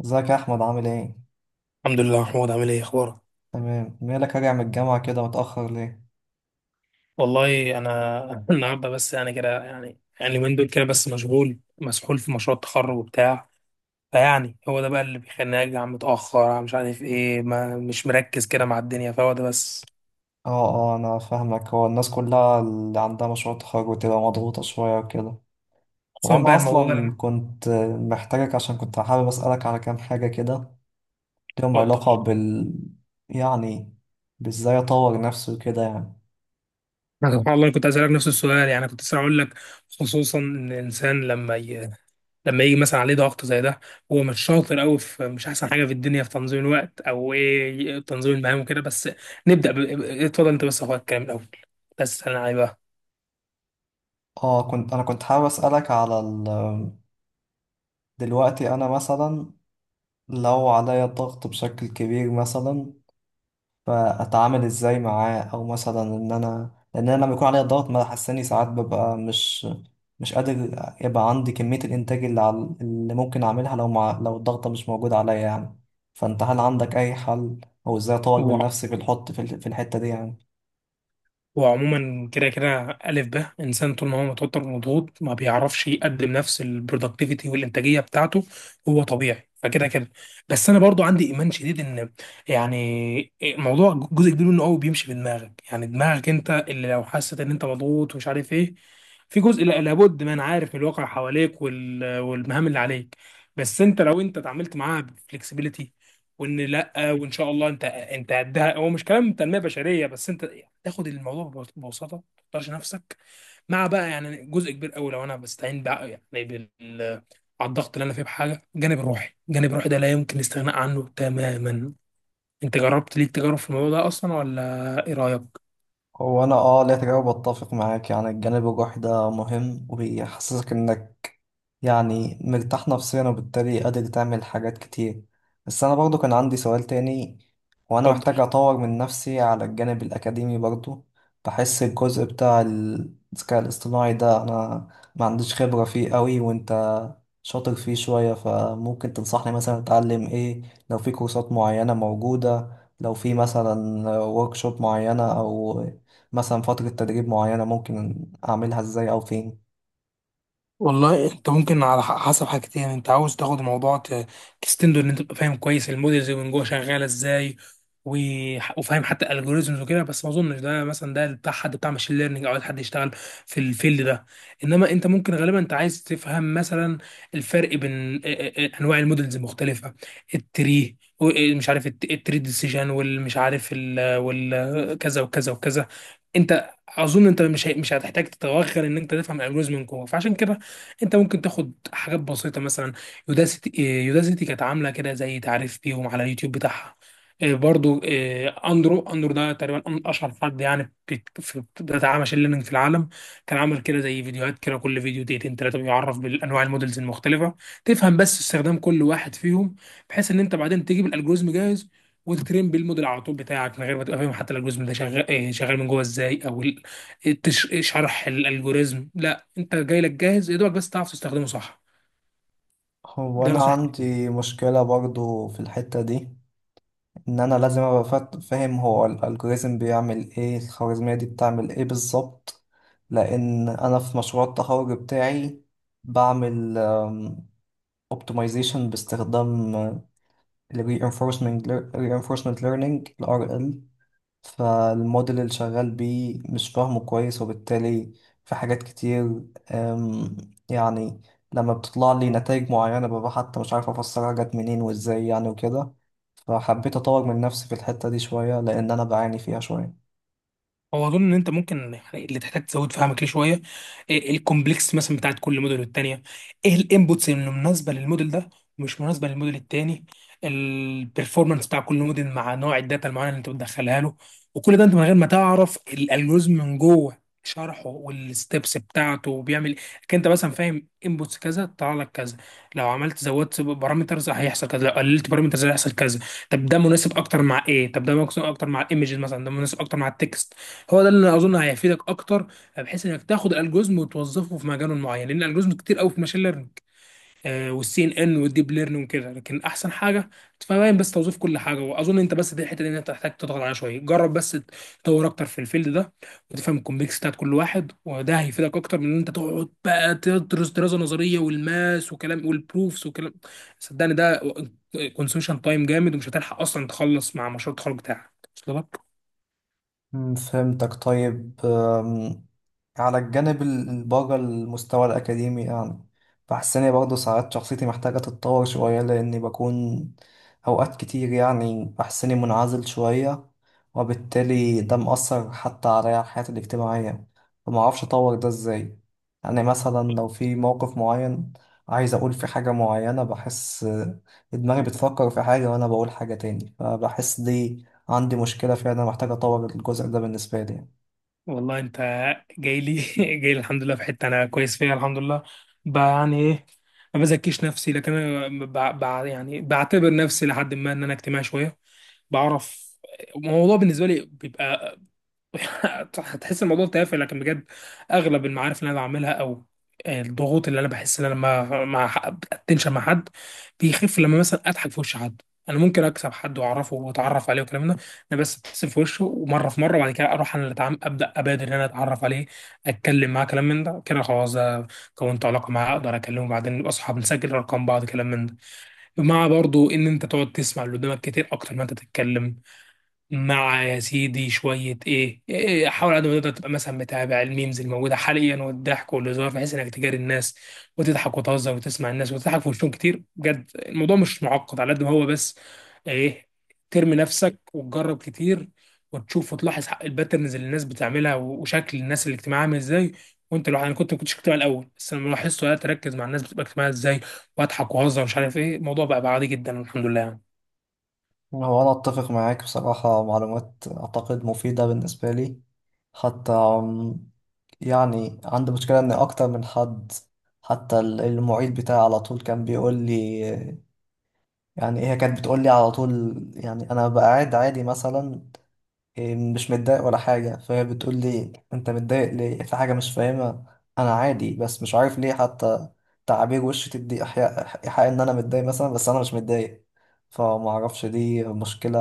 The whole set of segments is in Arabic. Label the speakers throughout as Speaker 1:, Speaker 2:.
Speaker 1: ازيك يا احمد؟ عامل ايه؟
Speaker 2: الحمد لله. محمود، عامل ايه اخبارك؟
Speaker 1: تمام. مالك راجع من الجامعه كده متاخر ليه؟
Speaker 2: والله انا النهارده بس، يعني كده يعني يعني من دول كده، بس مشغول مسحول في مشروع التخرج وبتاع. فيعني هو ده بقى اللي بيخليني ارجع متاخر، مش عارف ايه، ما مش مركز كده مع الدنيا، فهو ده بس.
Speaker 1: اه، اه، انا فاهمك. هو الناس كلها اللي عندها مشروع تخرج بتبقى مضغوطه شويه وكده.
Speaker 2: خصوصا
Speaker 1: وانا
Speaker 2: بقى الموضوع ده
Speaker 1: اصلا كنت محتاجك، عشان كنت حابب اسالك على كام حاجه كده لهم
Speaker 2: اتفضل.
Speaker 1: علاقه بال، يعني، بازاي اطور نفسي وكده يعني.
Speaker 2: أنا سبحان الله أنا كنت اسالك نفس السؤال، يعني كنت لسه هقول لك، خصوصا ان الانسان لما لما يجي مثلا عليه ضغط زي ده، هو مش شاطر قوي في، مش احسن حاجه في الدنيا في تنظيم الوقت او ايه تنظيم المهام وكده، بس نبدا اتفضل انت بس يا اخويا الكلام الاول، بس انا عايز
Speaker 1: اه كنت حابب اسالك دلوقتي انا مثلا، لو عليا ضغط بشكل كبير مثلا، فاتعامل ازاي معاه؟ او مثلا، ان انا لان انا لما يكون عليا ضغط، ما حساني ساعات، ببقى مش قادر. يبقى عندي كمية الانتاج اللي ممكن اعملها لو الضغطة مش موجودة عليا يعني. فانت هل عندك اي حل؟ او ازاي اطور من
Speaker 2: بقى.
Speaker 1: نفسي في الحط في, ال... في الحتة دي يعني؟
Speaker 2: هو عموما كده كده ألف ب إنسان طول ما هو متوتر ومضغوط ما بيعرفش يقدم نفس البرودكتيفيتي والإنتاجية بتاعته. هو طبيعي فكده كده. بس أنا برضو عندي إيمان شديد إن يعني موضوع جزء كبير منه قوي بيمشي بدماغك، يعني دماغك أنت اللي لو حست إن أنت مضغوط ومش عارف إيه. في جزء لابد ما أنا عارف من الواقع حواليك وال- والمهام اللي عليك، بس أنت لو أنت اتعاملت معاها بفلكسبيليتي وإن لا، وان شاء الله انت ده، هو مش كلام تنميه بشريه، بس انت تاخد الموضوع ببساطه ما تختارش نفسك. مع بقى يعني جزء كبير قوي لو انا بستعين بقى يعني على الضغط اللي انا فيه بحاجه، الجانب الروحي، الجانب الروحي ده لا يمكن الاستغناء عنه تماما. انت جربت ليك تجارب في الموضوع ده اصلا ولا ايه رايك؟
Speaker 1: هو انا، لا، تجاوب، اتفق معاك. يعني الجانب الروحي ده مهم، وبيحسسك انك، يعني، مرتاح نفسيا، وبالتالي قادر تعمل حاجات كتير. بس انا برضو كان عندي سؤال تاني. وانا
Speaker 2: اتفضل.
Speaker 1: محتاج اطور من نفسي على الجانب الاكاديمي برضو. بحس الجزء بتاع الذكاء الاصطناعي ده، انا ما عنديش خبرة فيه قوي وانت شاطر فيه شوية. فممكن تنصحني مثلا اتعلم ايه؟ لو في كورسات معينة موجودة، لو في مثلا ورك شوب معينة، او مثلا فترة تدريب معينة، ممكن أعملها إزاي أو فين؟
Speaker 2: والله انت ممكن على حسب حاجتين، انت عاوز تاخد الموضوع تستنده ان انت تبقى فاهم كويس المودلز من جوه شغاله ازاي، وفاهم حتى الالجوريزمز وكده، بس ما اظنش ده، مثلا ده بتاع حد بتاع ماشين ليرنينج او عايز حد يشتغل في الفيلد ده. انما انت ممكن غالبا انت عايز تفهم مثلا الفرق بين انواع المودلز المختلفه، التري إيه، مش عارف التري ديسيجن والمش عارف والكذا وكذا وكذا. انت اظن انت مش هتحتاج تتوغل ان انت تفهم الالجوريزم من جوه، فعشان كده انت ممكن تاخد حاجات بسيطه مثلا يوداسيتي، إيه، يوداسيتي كانت عامله كده زي تعريف بيهم على اليوتيوب بتاعها. إيه، برضو إيه، اندرو، اندرو ده تقريبا اشهر حد يعني في بتاع ماشين ليرنينج في العالم، كان عامل كده زي فيديوهات كده كل فيديو دقيقتين ثلاثه، بيعرف بالانواع المودلز المختلفه، تفهم بس استخدام كل واحد فيهم، بحيث ان انت بعدين تجيب الالجوريزم جاهز وتترين بالموديل على طول بتاعك من غير ما تبقى فاهم حتى الالجوريزم ده شغال إيه، شغال من جوه ازاي، او شرح الالجوريزم، لا، انت جاي لك جاهز يا دوبك بس تعرف تستخدمه صح.
Speaker 1: هو
Speaker 2: ده
Speaker 1: أنا
Speaker 2: نصيحتي.
Speaker 1: عندي مشكلة برضو في الحتة دي. إن أنا لازم أبقى فاهم هو الألجوريزم بيعمل إيه، الخوارزمية دي بتعمل إيه بالظبط. لأن أنا في مشروع التخرج بتاعي بعمل اوبتمايزيشن باستخدام ال reinforcement learning ال RL. فالموديل اللي شغال بيه مش فاهمه كويس، وبالتالي في حاجات كتير. أم، يعني لما بتطلع لي نتائج معينة، ببقى حتى مش عارف أفسرها جت منين وإزاي يعني وكده. فحبيت أطور من نفسي في الحتة دي شوية، لأن أنا بعاني فيها شوية.
Speaker 2: هو اظن ان انت ممكن يعني اللي تحتاج تزود فهمك ليه شويه إيه الكومبلكس مثلا بتاعت كل موديل، والتانيه ايه الانبوتس اللي مناسبه للموديل ده ومش مناسبه للموديل التاني، البرفورمانس بتاع كل موديل مع نوع الداتا المعينه اللي انت بتدخلها له. وكل ده انت من غير ما تعرف الالجوريزم من جوه شرحه والستبس بتاعته وبيعمل، كان انت مثلا فاهم انبوتس كذا طلع لك كذا، لو عملت زودت بارامترز هيحصل كذا، لو قللت بارامترز هيحصل كذا. طب ده مناسب اكتر مع ايه؟ طب ده مناسب اكتر مع الايمجز، مثلا ده مناسب اكتر مع التكست. هو ده اللي اظن هيفيدك اكتر، بحيث انك تاخد الالجوريزم وتوظفه في مجال معين، لان الالجوريزم كتير قوي في ماشين ليرنينج والسي ان ان والديب ليرنينج وكده، لكن احسن حاجه تفهم بس توظيف كل حاجه، واظن انت بس دي الحته اللي انت محتاج تضغط عليها شويه. جرب بس تدور اكتر في الفيلد ده وتفهم الكومبلكس بتاعت كل واحد، وده هيفيدك اكتر من ان انت تقعد بقى تدرس دراسه نظريه والماس وكلام والبروفس وكلام. صدقني ده كونسيوشن تايم جامد، ومش هتلحق اصلا تخلص مع مشروع التخرج بتاعك. وصل لك؟
Speaker 1: فهمتك. طيب، على الجانب الباقي، المستوى الأكاديمي يعني، بحس إني برضه ساعات شخصيتي محتاجة تتطور شوية، لأني بكون أوقات كتير، يعني، بحس إني منعزل شوية، وبالتالي ده مأثر حتى على حياتي الاجتماعية. فمعرفش أطور ده إزاي. يعني مثلا لو في موقف معين، عايز أقول في حاجة معينة، بحس دماغي بتفكر في حاجة وأنا بقول حاجة تاني. فبحس دي عندي مشكلة فيها، أنا محتاج أطور الجزء ده بالنسبة لي.
Speaker 2: والله انت جاي لي جاي لي، الحمد لله في حته انا كويس فيها الحمد لله، يعني ايه، ما بزكيش نفسي لكن انا يعني بعتبر نفسي لحد ما ان انا اجتماعي شويه. بعرف الموضوع بالنسبه لي بيبقى صح، هتحس الموضوع تافه لكن بجد، اغلب المعارف اللي انا بعملها او الضغوط اللي انا بحس ان انا ما اتنشن مع حد، بيخف لما مثلا اضحك في وش حد. انا ممكن اكسب حد واعرفه واتعرف عليه والكلام ده انا بس ابتسم في وشه، ومره في مره وبعد كده اروح انا اللي ابدا ابادر ان انا اتعرف عليه، اتكلم معاه كلام من ده كده، خلاص ده كونت علاقه معاه، اقدر اكلمه بعدين نبقى اصحاب، نسجل ارقام بعض كلام من ده. مع برضو ان انت تقعد تسمع اللي قدامك كتير اكتر ما انت تتكلم. مع يا سيدي شوية إيه، حاول على قد ما تقدر تبقى مثلا متابع الميمز الموجودة حاليا والضحك والهزار، بحيث إنك تجاري الناس وتضحك وتهزر وتسمع الناس وتضحك في وشهم كتير. بجد الموضوع مش معقد على قد ما هو، بس إيه، ترمي نفسك وتجرب كتير، وتشوف وتلاحظ الباترنز اللي الناس بتعملها وشكل الناس الاجتماعية عامل إزاي. وأنت لوحدك، أنا كنت ما كنتش اجتماعي الأول، بس لما لاحظت وقعدت أركز مع الناس بتبقى اجتماعية إزاي، وأضحك وأهزر ومش عارف إيه، الموضوع بقى عادي جدا الحمد لله يعني.
Speaker 1: هو أنا أتفق معاك بصراحة، معلومات أعتقد مفيدة بالنسبة لي. حتى يعني عندي مشكلة إن أكتر من حد، حتى المعيد بتاعي على طول كان بيقول لي، يعني، هي كانت بتقول لي على طول، يعني، أنا بقى قاعد عادي مثلا، إيه، مش متضايق ولا حاجة، فهي بتقول لي انت متضايق ليه؟ في حاجة مش فاهمها، انا عادي، بس مش عارف ليه حتى تعابير وشي تدي إيحاء ان انا متضايق مثلا، بس انا مش متضايق. فما اعرفش، دي مشكلة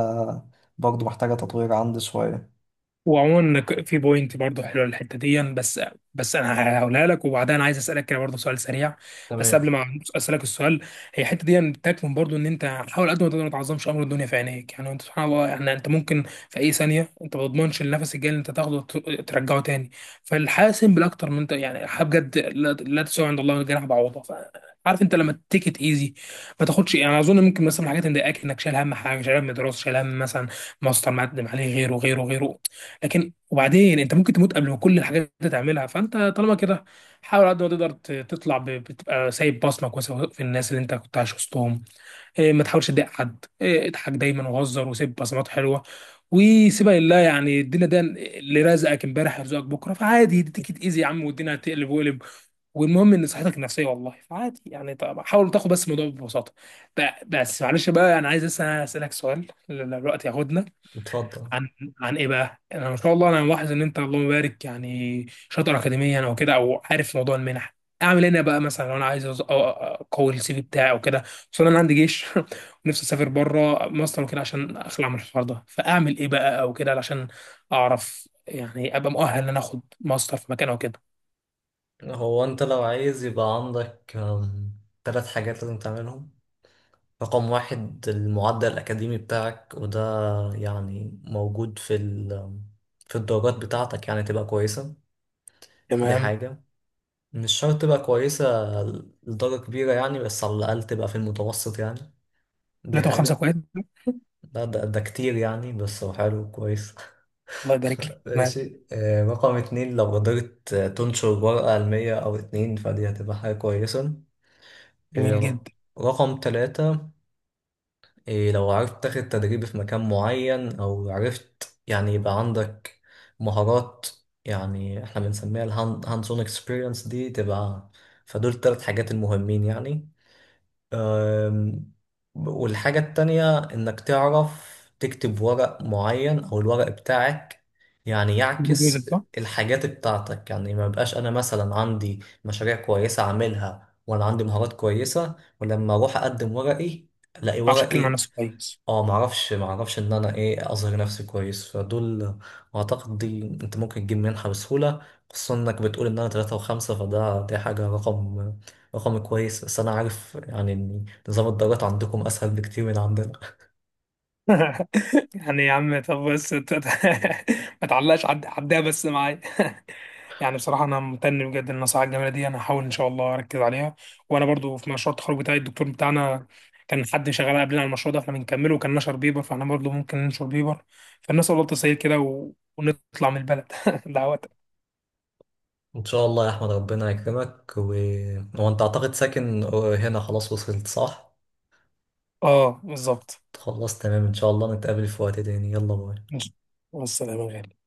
Speaker 1: برضو محتاجة تطوير عندي شوية.
Speaker 2: وعموما إنك في بوينت برضه حلوه الحته دي، بس بس انا هقولها لك وبعدها انا عايز اسالك كده برضه سؤال سريع. بس
Speaker 1: تمام.
Speaker 2: قبل ما اسالك السؤال، هي الحته دي بتكمن برضه ان انت حاول قد ما تقدر ما تعظمش امر الدنيا في عينيك. يعني انت سبحان الله، يعني انت ممكن في اي ثانيه انت ما تضمنش النفس الجاي اللي انت تاخده ترجعه تاني، فالحاسم بالاكتر من انت يعني الحياة بجد لا تساوي عند الله جناح بعوضه، عارف انت لما تيك ات ايزي، ما تاخدش، يعني اظن ممكن مثلا حاجات مضايقاك انك شايل هم حاجه، شايل هم دراسه، شايل هم مثلا ماستر مقدم عليه، غيره، لكن وبعدين انت ممكن تموت قبل ما كل الحاجات دي تعملها، فانت طالما كده حاول على قد ما تقدر تطلع بتبقى سايب بصمك في الناس اللي انت كنت عايش وسطهم، إيه، ما تحاولش تضايق حد، إيه، اضحك دايما وهزر وسيب بصمات حلوه، وسيبها لله. يعني الدنيا ده اللي رزقك امبارح يرزقك بكره، فعادي دي تيجي تاذي يا عم، والدنيا هتقلب وقلب، والمهم ان صحتك النفسيه والله. فعادي يعني، طب حاول تاخد بس الموضوع ببساطه. ب- بس معلش بقى انا عايز لسه اسالك سؤال، الوقت ياخدنا.
Speaker 1: اتفضل.
Speaker 2: عن عن ايه بقى؟ يعني انا ما شاء الله انا ملاحظ ان انت اللهم بارك يعني شاطر اكاديميا او كده، او عارف موضوع المنح، اعمل هنا بقى مثلا لو انا عايز اقوي السي في بتاعي او كده، خصوصا انا عندي جيش ونفسي اسافر بره مصر وكده عشان اخلع من الحوار ده، فاعمل ايه بقى او كده علشان اعرف يعني ابقى مؤهل ان انا اخد ماستر في مكان او كده.
Speaker 1: هو انت لو عايز يبقى عندك تلات حاجات لازم تعملهم. رقم 1، المعدل الأكاديمي بتاعك، وده يعني موجود في الدرجات بتاعتك، يعني تبقى كويسة. دي
Speaker 2: تمام.
Speaker 1: حاجة. مش شرط تبقى كويسة لدرجة كبيرة يعني، بس على الأقل تبقى في المتوسط يعني. دي
Speaker 2: 3.5
Speaker 1: حاجة.
Speaker 2: كويس؟
Speaker 1: ده كتير يعني، بس هو حلو، كويس.
Speaker 2: الله يبارك لك، تمام.
Speaker 1: ماشي. رقم 2، لو قدرت تنشر ورقة علمية أو اتنين، فدي هتبقى حاجة كويسة.
Speaker 2: جميل
Speaker 1: آه،
Speaker 2: جدا.
Speaker 1: رقم 3، إيه، لو عرفت تاخد تدريب في مكان معين، أو عرفت يعني يبقى عندك مهارات، يعني احنا بنسميها الهاندز اون اكسبيرينس، دي تبقى. فدول التلات حاجات المهمين يعني. أم، والحاجة التانية إنك تعرف تكتب ورق معين، أو الورق بتاعك يعني
Speaker 2: جوزك
Speaker 1: يعكس
Speaker 2: صح؟
Speaker 1: الحاجات بتاعتك. يعني ما يبقاش أنا مثلا عندي مشاريع كويسة عاملها وأنا عندي مهارات كويسة، ولما أروح أقدم ورقي ألاقي
Speaker 2: عشان كلمة عن
Speaker 1: ورقي
Speaker 2: نفسه كويس.
Speaker 1: اه معرفش ان انا ايه اظهر نفسي كويس. فدول اعتقد دي انت ممكن تجيب منحة بسهولة، خصوصا انك بتقول ان انا تلاتة وخمسة، فده دي حاجة رقم كويس. بس انا عارف يعني ان نظام الدرجات عندكم اسهل بكتير من عندنا.
Speaker 2: يعني يا عم طب بس ما تعلقش عدها بس معايا. يعني بصراحة أنا ممتن بجد للنصائح الجميلة دي، أنا هحاول إن شاء الله أركز عليها. وأنا برضو في مشروع التخرج بتاعي الدكتور بتاعنا كان حد شغال قبلنا على المشروع ده فإحنا بنكمله، وكان نشر بيبر فإحنا برضو ممكن ننشر بيبر. فالناس والله تسير كده ونطلع من البلد دعوات.
Speaker 1: ان شاء الله يا احمد، ربنا يكرمك وانت اعتقد ساكن هنا. خلاص، وصلت صح؟
Speaker 2: آه بالظبط.
Speaker 1: خلاص تمام. ان شاء الله نتقابل في وقت تاني. يلا، باي.
Speaker 2: ماشي، والسلام يا غالي.